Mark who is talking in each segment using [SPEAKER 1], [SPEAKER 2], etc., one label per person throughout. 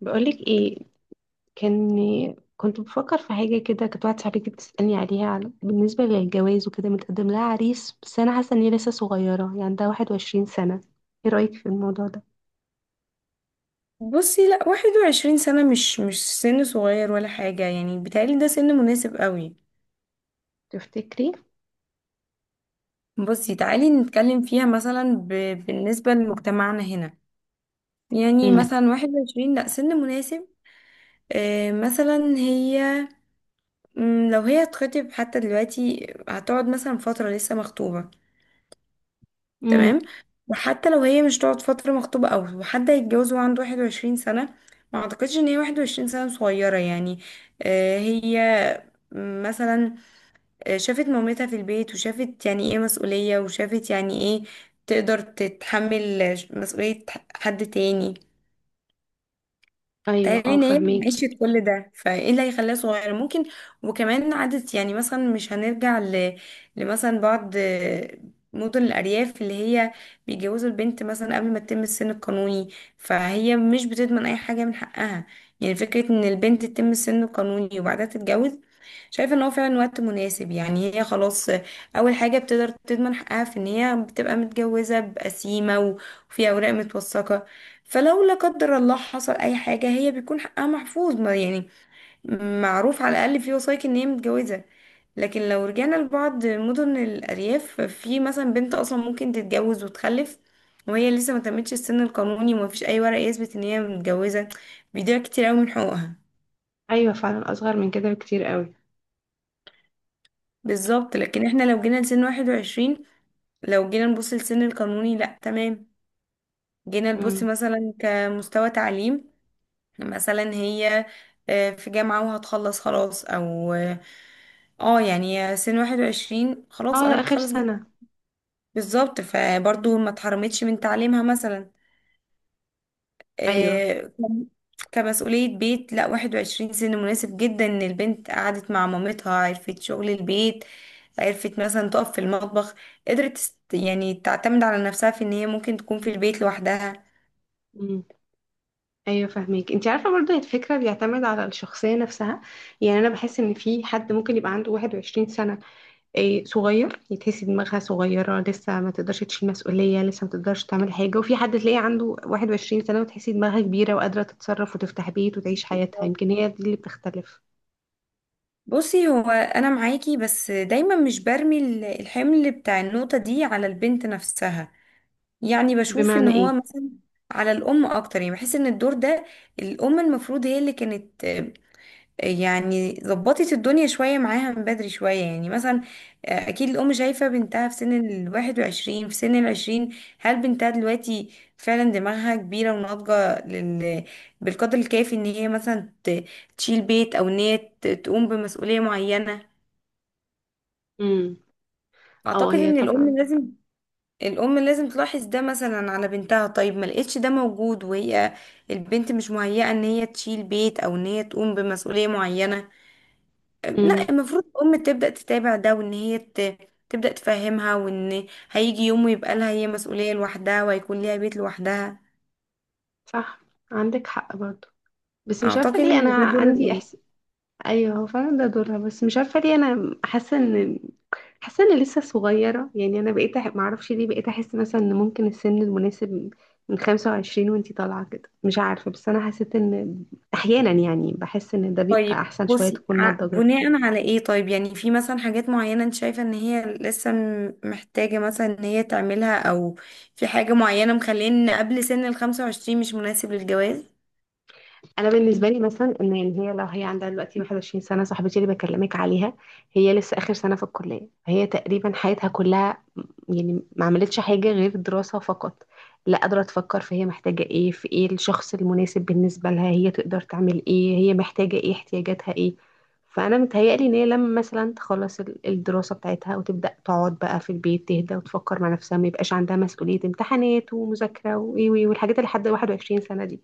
[SPEAKER 1] بقولك ايه. كان كنت بفكر في حاجة كده. كانت واحدة صاحبتي بتسألني عليها بالنسبة للجواز وكده، متقدم لها عريس، بس أنا حاسة إن هي لسه صغيرة، يعني عندها 21 سنة. ايه رأيك في الموضوع ده؟
[SPEAKER 2] بصي، لا، 21 سنة مش سن صغير ولا حاجة. يعني بيتهيألي ده سن مناسب قوي.
[SPEAKER 1] تفتكري؟
[SPEAKER 2] بصي، تعالي نتكلم فيها مثلا بالنسبة لمجتمعنا هنا. يعني
[SPEAKER 1] امم.
[SPEAKER 2] مثلا واحد وعشرين، لا، سن مناسب. مثلا هي، لو هي هتخطب حتى دلوقتي هتقعد مثلا فترة لسه مخطوبة.
[SPEAKER 1] امم.
[SPEAKER 2] تمام. وحتى لو هي مش تقعد فترة مخطوبة أو حد هيتجوز وعنده 21 سنة، ما أعتقدش إن هي 21 سنة صغيرة. يعني هي مثلا شافت مامتها في البيت، وشافت يعني ايه مسؤولية، وشافت يعني ايه، تقدر تتحمل مسؤولية حد تاني.
[SPEAKER 1] أيوة،
[SPEAKER 2] تخيلي
[SPEAKER 1] اه،
[SPEAKER 2] ان هي
[SPEAKER 1] فهماكي.
[SPEAKER 2] عشت كل ده، فايه اللي هيخليها صغيرة؟ ممكن. وكمان عدت، يعني مثلا مش هنرجع لمثلا بعض مدن الأرياف اللي هي بيجوزوا البنت مثلا قبل ما تتم السن القانوني، فهي مش بتضمن أي حاجة من حقها. يعني فكرة إن البنت تتم السن القانوني وبعدها تتجوز، شايفه ان هو فعلا وقت مناسب. يعني هي خلاص، اول حاجه بتقدر تضمن حقها في ان هي بتبقى متجوزه بقسيمه وفي اوراق متوثقه. فلو لا قدر الله حصل اي حاجه، هي بيكون حقها محفوظ، ما يعني معروف على الاقل في وثائق ان هي متجوزه. لكن لو رجعنا لبعض مدن الارياف، في مثلا بنت اصلا ممكن تتجوز وتخلف وهي لسه ما تمتش السن القانوني، ومفيش اي ورق يثبت ان هي متجوزه، بيضيع كتير قوي من حقوقها.
[SPEAKER 1] أيوة فعلا، أصغر من كده بكتير قوي.
[SPEAKER 2] بالظبط، لكن احنا لو جينا لسن 21، لو جينا نبص للسن القانوني، لا، تمام. جينا نبص
[SPEAKER 1] امم.
[SPEAKER 2] مثلا كمستوى تعليم. مثلا هي في جامعة وهتخلص خلاص، او اه آه، يعني سن 21 خلاص
[SPEAKER 1] اه،
[SPEAKER 2] قربت
[SPEAKER 1] آخر
[SPEAKER 2] تخلص
[SPEAKER 1] سنة.
[SPEAKER 2] بالظبط. فبرضه ما اتحرمتش من تعليمها. مثلا
[SPEAKER 1] ايوه.
[SPEAKER 2] آه، كم- كمسؤولية بيت، لا 21 سن مناسب جدا. ان البنت قعدت مع مامتها، عرفت شغل البيت، عرفت مثلا تقف في المطبخ، يعني تعتمد على نفسها في ان هي ممكن تكون في البيت لوحدها.
[SPEAKER 1] امم. ايوه فاهمك، انت عارفه برضه الفكره بيعتمد على الشخصيه نفسها. يعني انا بحس ان في حد ممكن يبقى عنده 21 سنه، إيه، صغير. تحسي دماغها صغيرة لسه، ما تقدرش تشيل مسؤولية، لسه ما تقدرش تعمل حاجة. وفي حد تلاقيه عنده 21 سنة وتحسي دماغها كبيرة وقادرة تتصرف وتفتح بيت وتعيش حياتها. يمكن هي دي اللي بتختلف.
[SPEAKER 2] بصي، هو انا معاكي، بس دايما مش برمي الحمل بتاع النقطة دي على البنت نفسها. يعني بشوف ان
[SPEAKER 1] بمعنى
[SPEAKER 2] هو
[SPEAKER 1] ايه؟
[SPEAKER 2] مثلا على الام اكتر. يعني بحس ان الدور ده، الام المفروض هي اللي كانت يعني ظبطت الدنيا شوية معاها من بدري شوية. يعني مثلا اكيد الام شايفة بنتها في سن الـ21، في سن الـ20. هل بنتها دلوقتي فعلا دماغها كبيرة وناضجة بالقدر الكافي ان هي مثلا تشيل بيت، او ان هي تقوم بمسؤولية معينة؟
[SPEAKER 1] امم. اه،
[SPEAKER 2] اعتقد
[SPEAKER 1] هي
[SPEAKER 2] ان
[SPEAKER 1] طبعا.
[SPEAKER 2] الام لازم، الام لازم تلاحظ ده مثلا على بنتها. طيب ما لقيتش ده موجود، وهي البنت مش مهيئه ان هي تشيل بيت او ان هي تقوم بمسؤوليه معينه،
[SPEAKER 1] امم.
[SPEAKER 2] لا المفروض الام تبدا تتابع ده، وان هي تبدا تفهمها، وان هيجي يوم ويبقى لها هي مسؤوليه لوحدها، وهيكون ليها بيت لوحدها.
[SPEAKER 1] صح. عندك حق برضو. بس مش عارفة
[SPEAKER 2] اعتقد
[SPEAKER 1] ليه انا
[SPEAKER 2] ان ده دور
[SPEAKER 1] عندي
[SPEAKER 2] الام.
[SPEAKER 1] إحس... ايوه، هو فعلا ده دورها، بس مش عارفه ليه انا حاسه ان... حاسه اني لسه صغيره، يعني انا بقيت معرفش ليه بقيت احس مثلا ان ممكن السن المناسب من 25 وانتي طالعه كده. مش عارفه، بس انا حسيت ان احيانا، يعني بحس ان ده بيبقى
[SPEAKER 2] طيب
[SPEAKER 1] احسن، شويه
[SPEAKER 2] بصي،
[SPEAKER 1] تكون نضجت.
[SPEAKER 2] بناء على ايه؟ طيب يعني في مثلا حاجات معينة انت شايفة ان هي لسه محتاجة مثلا ان هي تعملها؟ او في حاجة معينة مخليه ان قبل سن الـ25 مش مناسب للجواز؟
[SPEAKER 1] انا بالنسبه لي مثلا، ان يعني هي لو هي عندها دلوقتي 21 سنه، صاحبتي اللي بكلمك عليها، هي لسه اخر سنه في الكليه. هي تقريبا حياتها كلها يعني ما عملتش حاجة غير دراسة فقط، لا قادرة تفكر، فهي محتاجة ايه، في ايه الشخص المناسب بالنسبة لها، هي تقدر تعمل ايه، هي محتاجة ايه، احتياجاتها ايه. فأنا متهيألي إن هي لما مثلا تخلص الدراسة بتاعتها وتبدأ تقعد بقى في البيت، تهدى وتفكر مع نفسها، ما يبقاش عندها مسؤولية امتحانات ومذاكرة وإيه وإيه والحاجات اللي لحد 21 سنة دي.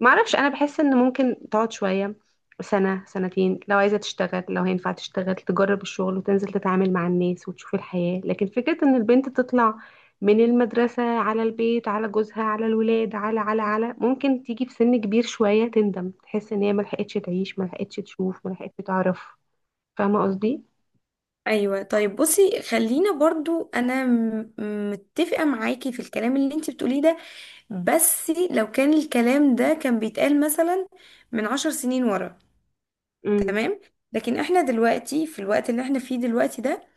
[SPEAKER 1] معرفش، انا بحس ان ممكن تقعد شويه، سنه سنتين، لو عايزه تشتغل، لو هينفع تشتغل تجرب الشغل وتنزل تتعامل مع الناس وتشوف الحياه. لكن فكره ان البنت تطلع من المدرسه على البيت على جوزها على الولاد على على على ممكن تيجي في سن كبير شويه تندم، تحس ان هي ما لحقتش تعيش، ما لحقتش تشوف، ما لحقتش تعرف. فاهمه قصدي؟
[SPEAKER 2] ايوه طيب بصي، خلينا برضو. انا متفقة معاكي في الكلام اللي انت بتقوليه ده، بس لو كان الكلام ده كان بيتقال مثلا من 10 سنين ورا،
[SPEAKER 1] امم.
[SPEAKER 2] تمام. لكن احنا دلوقتي في الوقت اللي احنا فيه دلوقتي ده،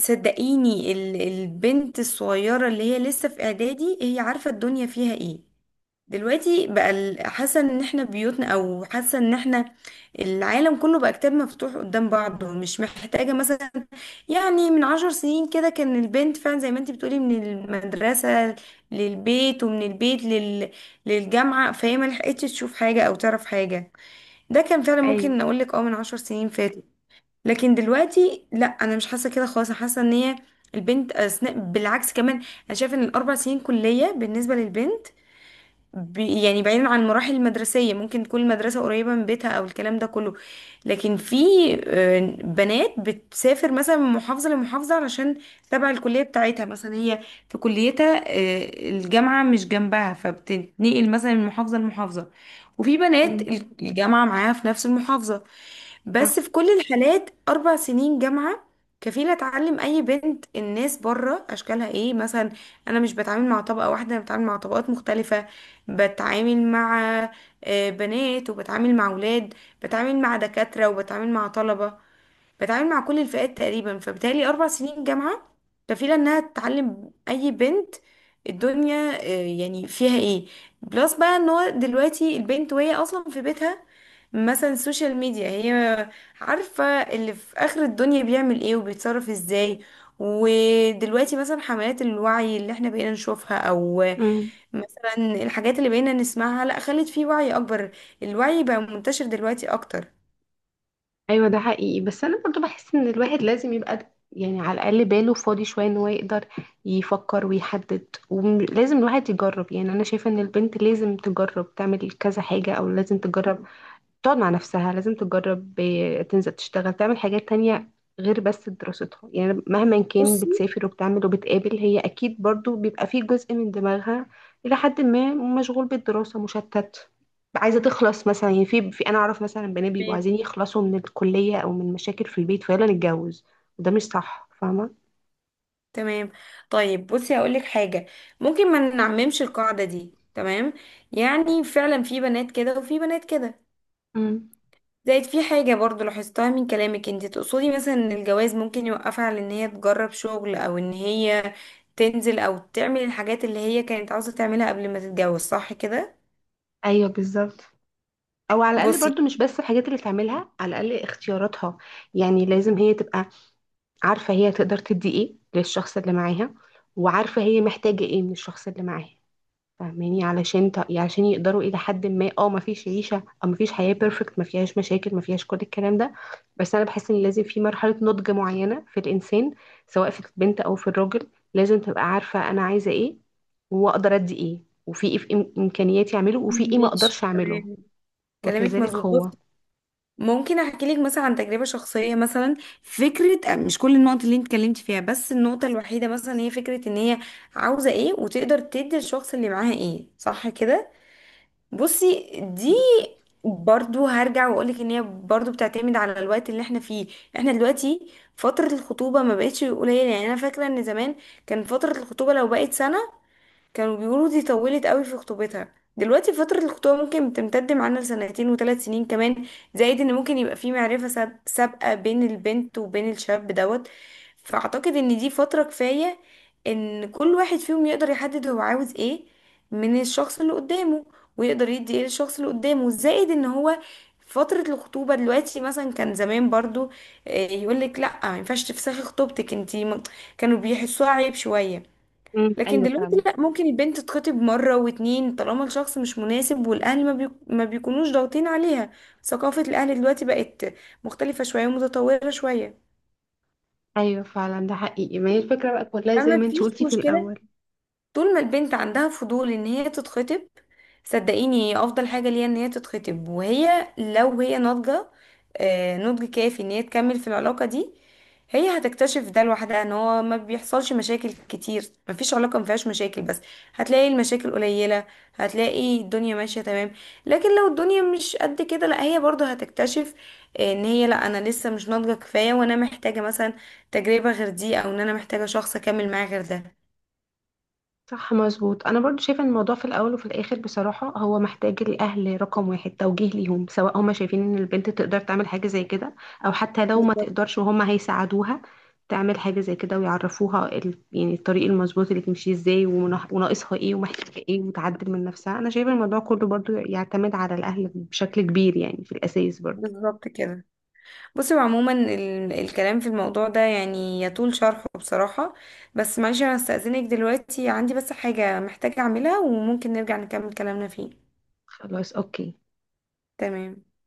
[SPEAKER 2] صدقيني البنت الصغيرة اللي هي لسه في اعدادي هي عارفة الدنيا فيها ايه. دلوقتي بقى حاسة ان احنا بيوتنا، او حاسة ان احنا، العالم كله بقى كتاب مفتوح قدام بعضه، مش محتاجة مثلا. يعني من 10 سنين كده كان البنت فعلا زي ما انت بتقولي من المدرسة للبيت، ومن البيت للجامعة، فهي ما لحقتش تشوف حاجة او تعرف حاجة. ده كان فعلا، ممكن
[SPEAKER 1] ايوه.
[SPEAKER 2] اقولك، من 10 سنين فاتوا. لكن دلوقتي لا، انا مش حاسه كده خالص. أنا حاسه ان هي البنت أثناء بالعكس كمان، انا شايفه ان الـ4 سنين كليه بالنسبه للبنت، يعني بعيدا عن المراحل المدرسيه، ممكن تكون المدرسه قريبه من بيتها او الكلام ده كله. لكن في بنات بتسافر مثلا من محافظه لمحافظه علشان تبع الكليه بتاعتها. مثلا هي في كليتها الجامعه مش جنبها، فبتتنقل مثلا من محافظه لمحافظه. وفي بنات
[SPEAKER 1] امم.
[SPEAKER 2] الجامعه معاها في نفس المحافظه. بس في كل الحالات 4 سنين جامعة كفيلة تعلم أي بنت الناس بره أشكالها إيه. مثلا أنا مش بتعامل مع طبقة واحدة، أنا بتعامل مع طبقات مختلفة. بتعامل مع بنات وبتعامل مع أولاد، بتعامل مع دكاترة وبتعامل مع طلبة، بتعامل مع كل الفئات تقريبا. فبالتالي 4 سنين جامعة كفيلة إنها تعلم أي بنت الدنيا يعني فيها إيه. بلس بقى إن هو دلوقتي البنت وهي أصلا في بيتها، مثلا السوشيال ميديا، هي عارفة اللي في آخر الدنيا بيعمل إيه وبيتصرف إزاي. ودلوقتي مثلا حملات الوعي اللي احنا بقينا نشوفها، او
[SPEAKER 1] صح.
[SPEAKER 2] مثلا الحاجات اللي بقينا نسمعها، لا خلت فيه وعي اكبر. الوعي بقى منتشر دلوقتي اكتر.
[SPEAKER 1] ايوه ده حقيقي، بس انا برضو بحس ان الواحد لازم يبقى يعني على الاقل باله فاضي شويه ان هو يقدر يفكر ويحدد. ولازم الواحد يجرب، يعني انا شايفه ان البنت لازم تجرب تعمل كذا حاجه، او لازم تجرب تقعد مع نفسها، لازم تجرب تنزل تشتغل تعمل حاجات تانية غير بس دراستها. يعني مهما كان
[SPEAKER 2] بصي،
[SPEAKER 1] بتسافر وبتعمل وبتقابل، هي أكيد برضو بيبقى فيه جزء من دماغها إلى حد ما مشغول بالدراسة، مشتت، عايزة تخلص مثلا. يعني في, في أنا أعرف مثلا بنات بيبقوا عايزين يخلصوا من الكلية أو من مشاكل في البيت فيلا نتجوز، وده مش صح. فاهمة؟
[SPEAKER 2] تمام. طيب بصي، هقولك حاجة. ممكن ما نعممش القاعدة دي، تمام. يعني فعلا في بنات كده وفي بنات كده.
[SPEAKER 1] امم.
[SPEAKER 2] زائد في حاجة برضو لاحظتها من كلامك، انت تقصدي مثلا ان الجواز ممكن يوقفها على ان هي تجرب شغل، او ان هي تنزل او تعمل الحاجات اللي هي كانت عاوزة تعملها قبل ما تتجوز، صح كده؟
[SPEAKER 1] ايوه بالظبط. او على الاقل
[SPEAKER 2] بصي،
[SPEAKER 1] برضو مش بس الحاجات اللي تعملها، على الاقل اختياراتها. يعني لازم هي تبقى عارفة هي تقدر تدي ايه للشخص اللي معاها، وعارفة هي محتاجة ايه من الشخص اللي معاها. فاهماني؟ علشان علشان يقدروا الى حد ما. اه، ما فيش عيشة او ما فيش حياة بيرفكت ما فيهاش مشاكل، ما فيهاش كل الكلام ده. بس انا بحس ان لازم في مرحلة نضج معينة في الانسان، سواء في البنت او في الراجل. لازم تبقى عارفة انا عايزة ايه واقدر ادي ايه، وفي ايه في امكانياتي اعمله وفي ايه ما اقدرش
[SPEAKER 2] ماشي
[SPEAKER 1] اعمله.
[SPEAKER 2] تمام، كلامك
[SPEAKER 1] وكذلك هو.
[SPEAKER 2] مظبوط. ممكن احكي لك مثلا عن تجربة شخصية. مثلا فكرة، مش كل النقط اللي انت اتكلمتي فيها، بس النقطة الوحيدة مثلا هي فكرة ان هي عاوزة ايه وتقدر تدي الشخص اللي معاها ايه، صح كده؟ بصي، دي
[SPEAKER 1] بالظبط.
[SPEAKER 2] برضو هرجع واقولك ان هي برضو بتعتمد على الوقت اللي احنا فيه. احنا دلوقتي فترة الخطوبة ما بقتش قليلة. يعني انا فاكرة ان زمان كان فترة الخطوبة لو بقت سنة كانوا بيقولوا دي طولت قوي في خطوبتها. دلوقتي فترة الخطوبة ممكن تمتد معانا لسنتين وثلاث سنين كمان. زائد ان ممكن يبقى في معرفة سابقة بين البنت وبين الشاب دوت. فاعتقد ان دي فترة كفاية ان كل واحد فيهم يقدر يحدد هو عاوز ايه من الشخص اللي قدامه، ويقدر يدي ايه للشخص اللي قدامه. زائد ان هو فترة الخطوبة دلوقتي، مثلا كان زمان برضو يقول لك لا ما ينفعش تفسخي خطوبتك انتي، كانوا بيحسوها عيب شوية.
[SPEAKER 1] امم.
[SPEAKER 2] لكن
[SPEAKER 1] ايوه
[SPEAKER 2] دلوقتي
[SPEAKER 1] فعلا.
[SPEAKER 2] لا، ممكن البنت تتخطب مرة واتنين طالما الشخص مش مناسب، والأهل ما بيكونوش ضاغطين عليها. ثقافة الأهل دلوقتي بقت مختلفة شوية ومتطورة شوية.
[SPEAKER 1] ايوه فعلا ده حقيقي. ما هي الفكره بقى كلها زي ما
[SPEAKER 2] فما
[SPEAKER 1] انت
[SPEAKER 2] فيش
[SPEAKER 1] قلتي في
[SPEAKER 2] مشكلة.
[SPEAKER 1] الاول.
[SPEAKER 2] طول ما البنت عندها فضول ان هي تتخطب، صدقيني هي افضل حاجة ليها ان هي تتخطب. وهي لو هي ناضجة نضج كافي ان هي تكمل في العلاقة دي، هي هتكتشف ده لوحدها ان هو ما بيحصلش مشاكل كتير. مفيش علاقة ما فيهاش مشاكل، بس هتلاقي المشاكل قليلة، هتلاقي الدنيا ماشية تمام. لكن لو الدنيا مش قد كده، لا هي برضه هتكتشف ان هي، لا انا لسه مش ناضجة كفاية، وانا محتاجة مثلا تجربة غير دي، او ان انا محتاجة شخص اكمل معاه غير
[SPEAKER 1] صح مظبوط، انا برضو شايفه ان الموضوع في الاول وفي الاخر بصراحه هو محتاج الاهل رقم واحد، توجيه ليهم سواء هما شايفين ان البنت تقدر تعمل حاجه زي كده، او حتى لو ما
[SPEAKER 2] ده.
[SPEAKER 1] تقدرش وهما هيساعدوها تعمل حاجه زي كده، ويعرفوها يعني الطريق المظبوط اللي تمشي ازاي وناقصها ايه ومحتاجه ايه وتعدل من نفسها. انا شايفه الموضوع كله برضو يعتمد على الاهل بشكل كبير، يعني في الاساس برضو.
[SPEAKER 2] بالظبط كده. بصي، هو عموما الكلام في الموضوع ده يعني يطول شرحه بصراحة. بس معلش، انا هستأذنك دلوقتي، عندي بس حاجة محتاجة اعملها وممكن نرجع نكمل كلامنا فيه.
[SPEAKER 1] خلاص، اوكي.
[SPEAKER 2] تمام.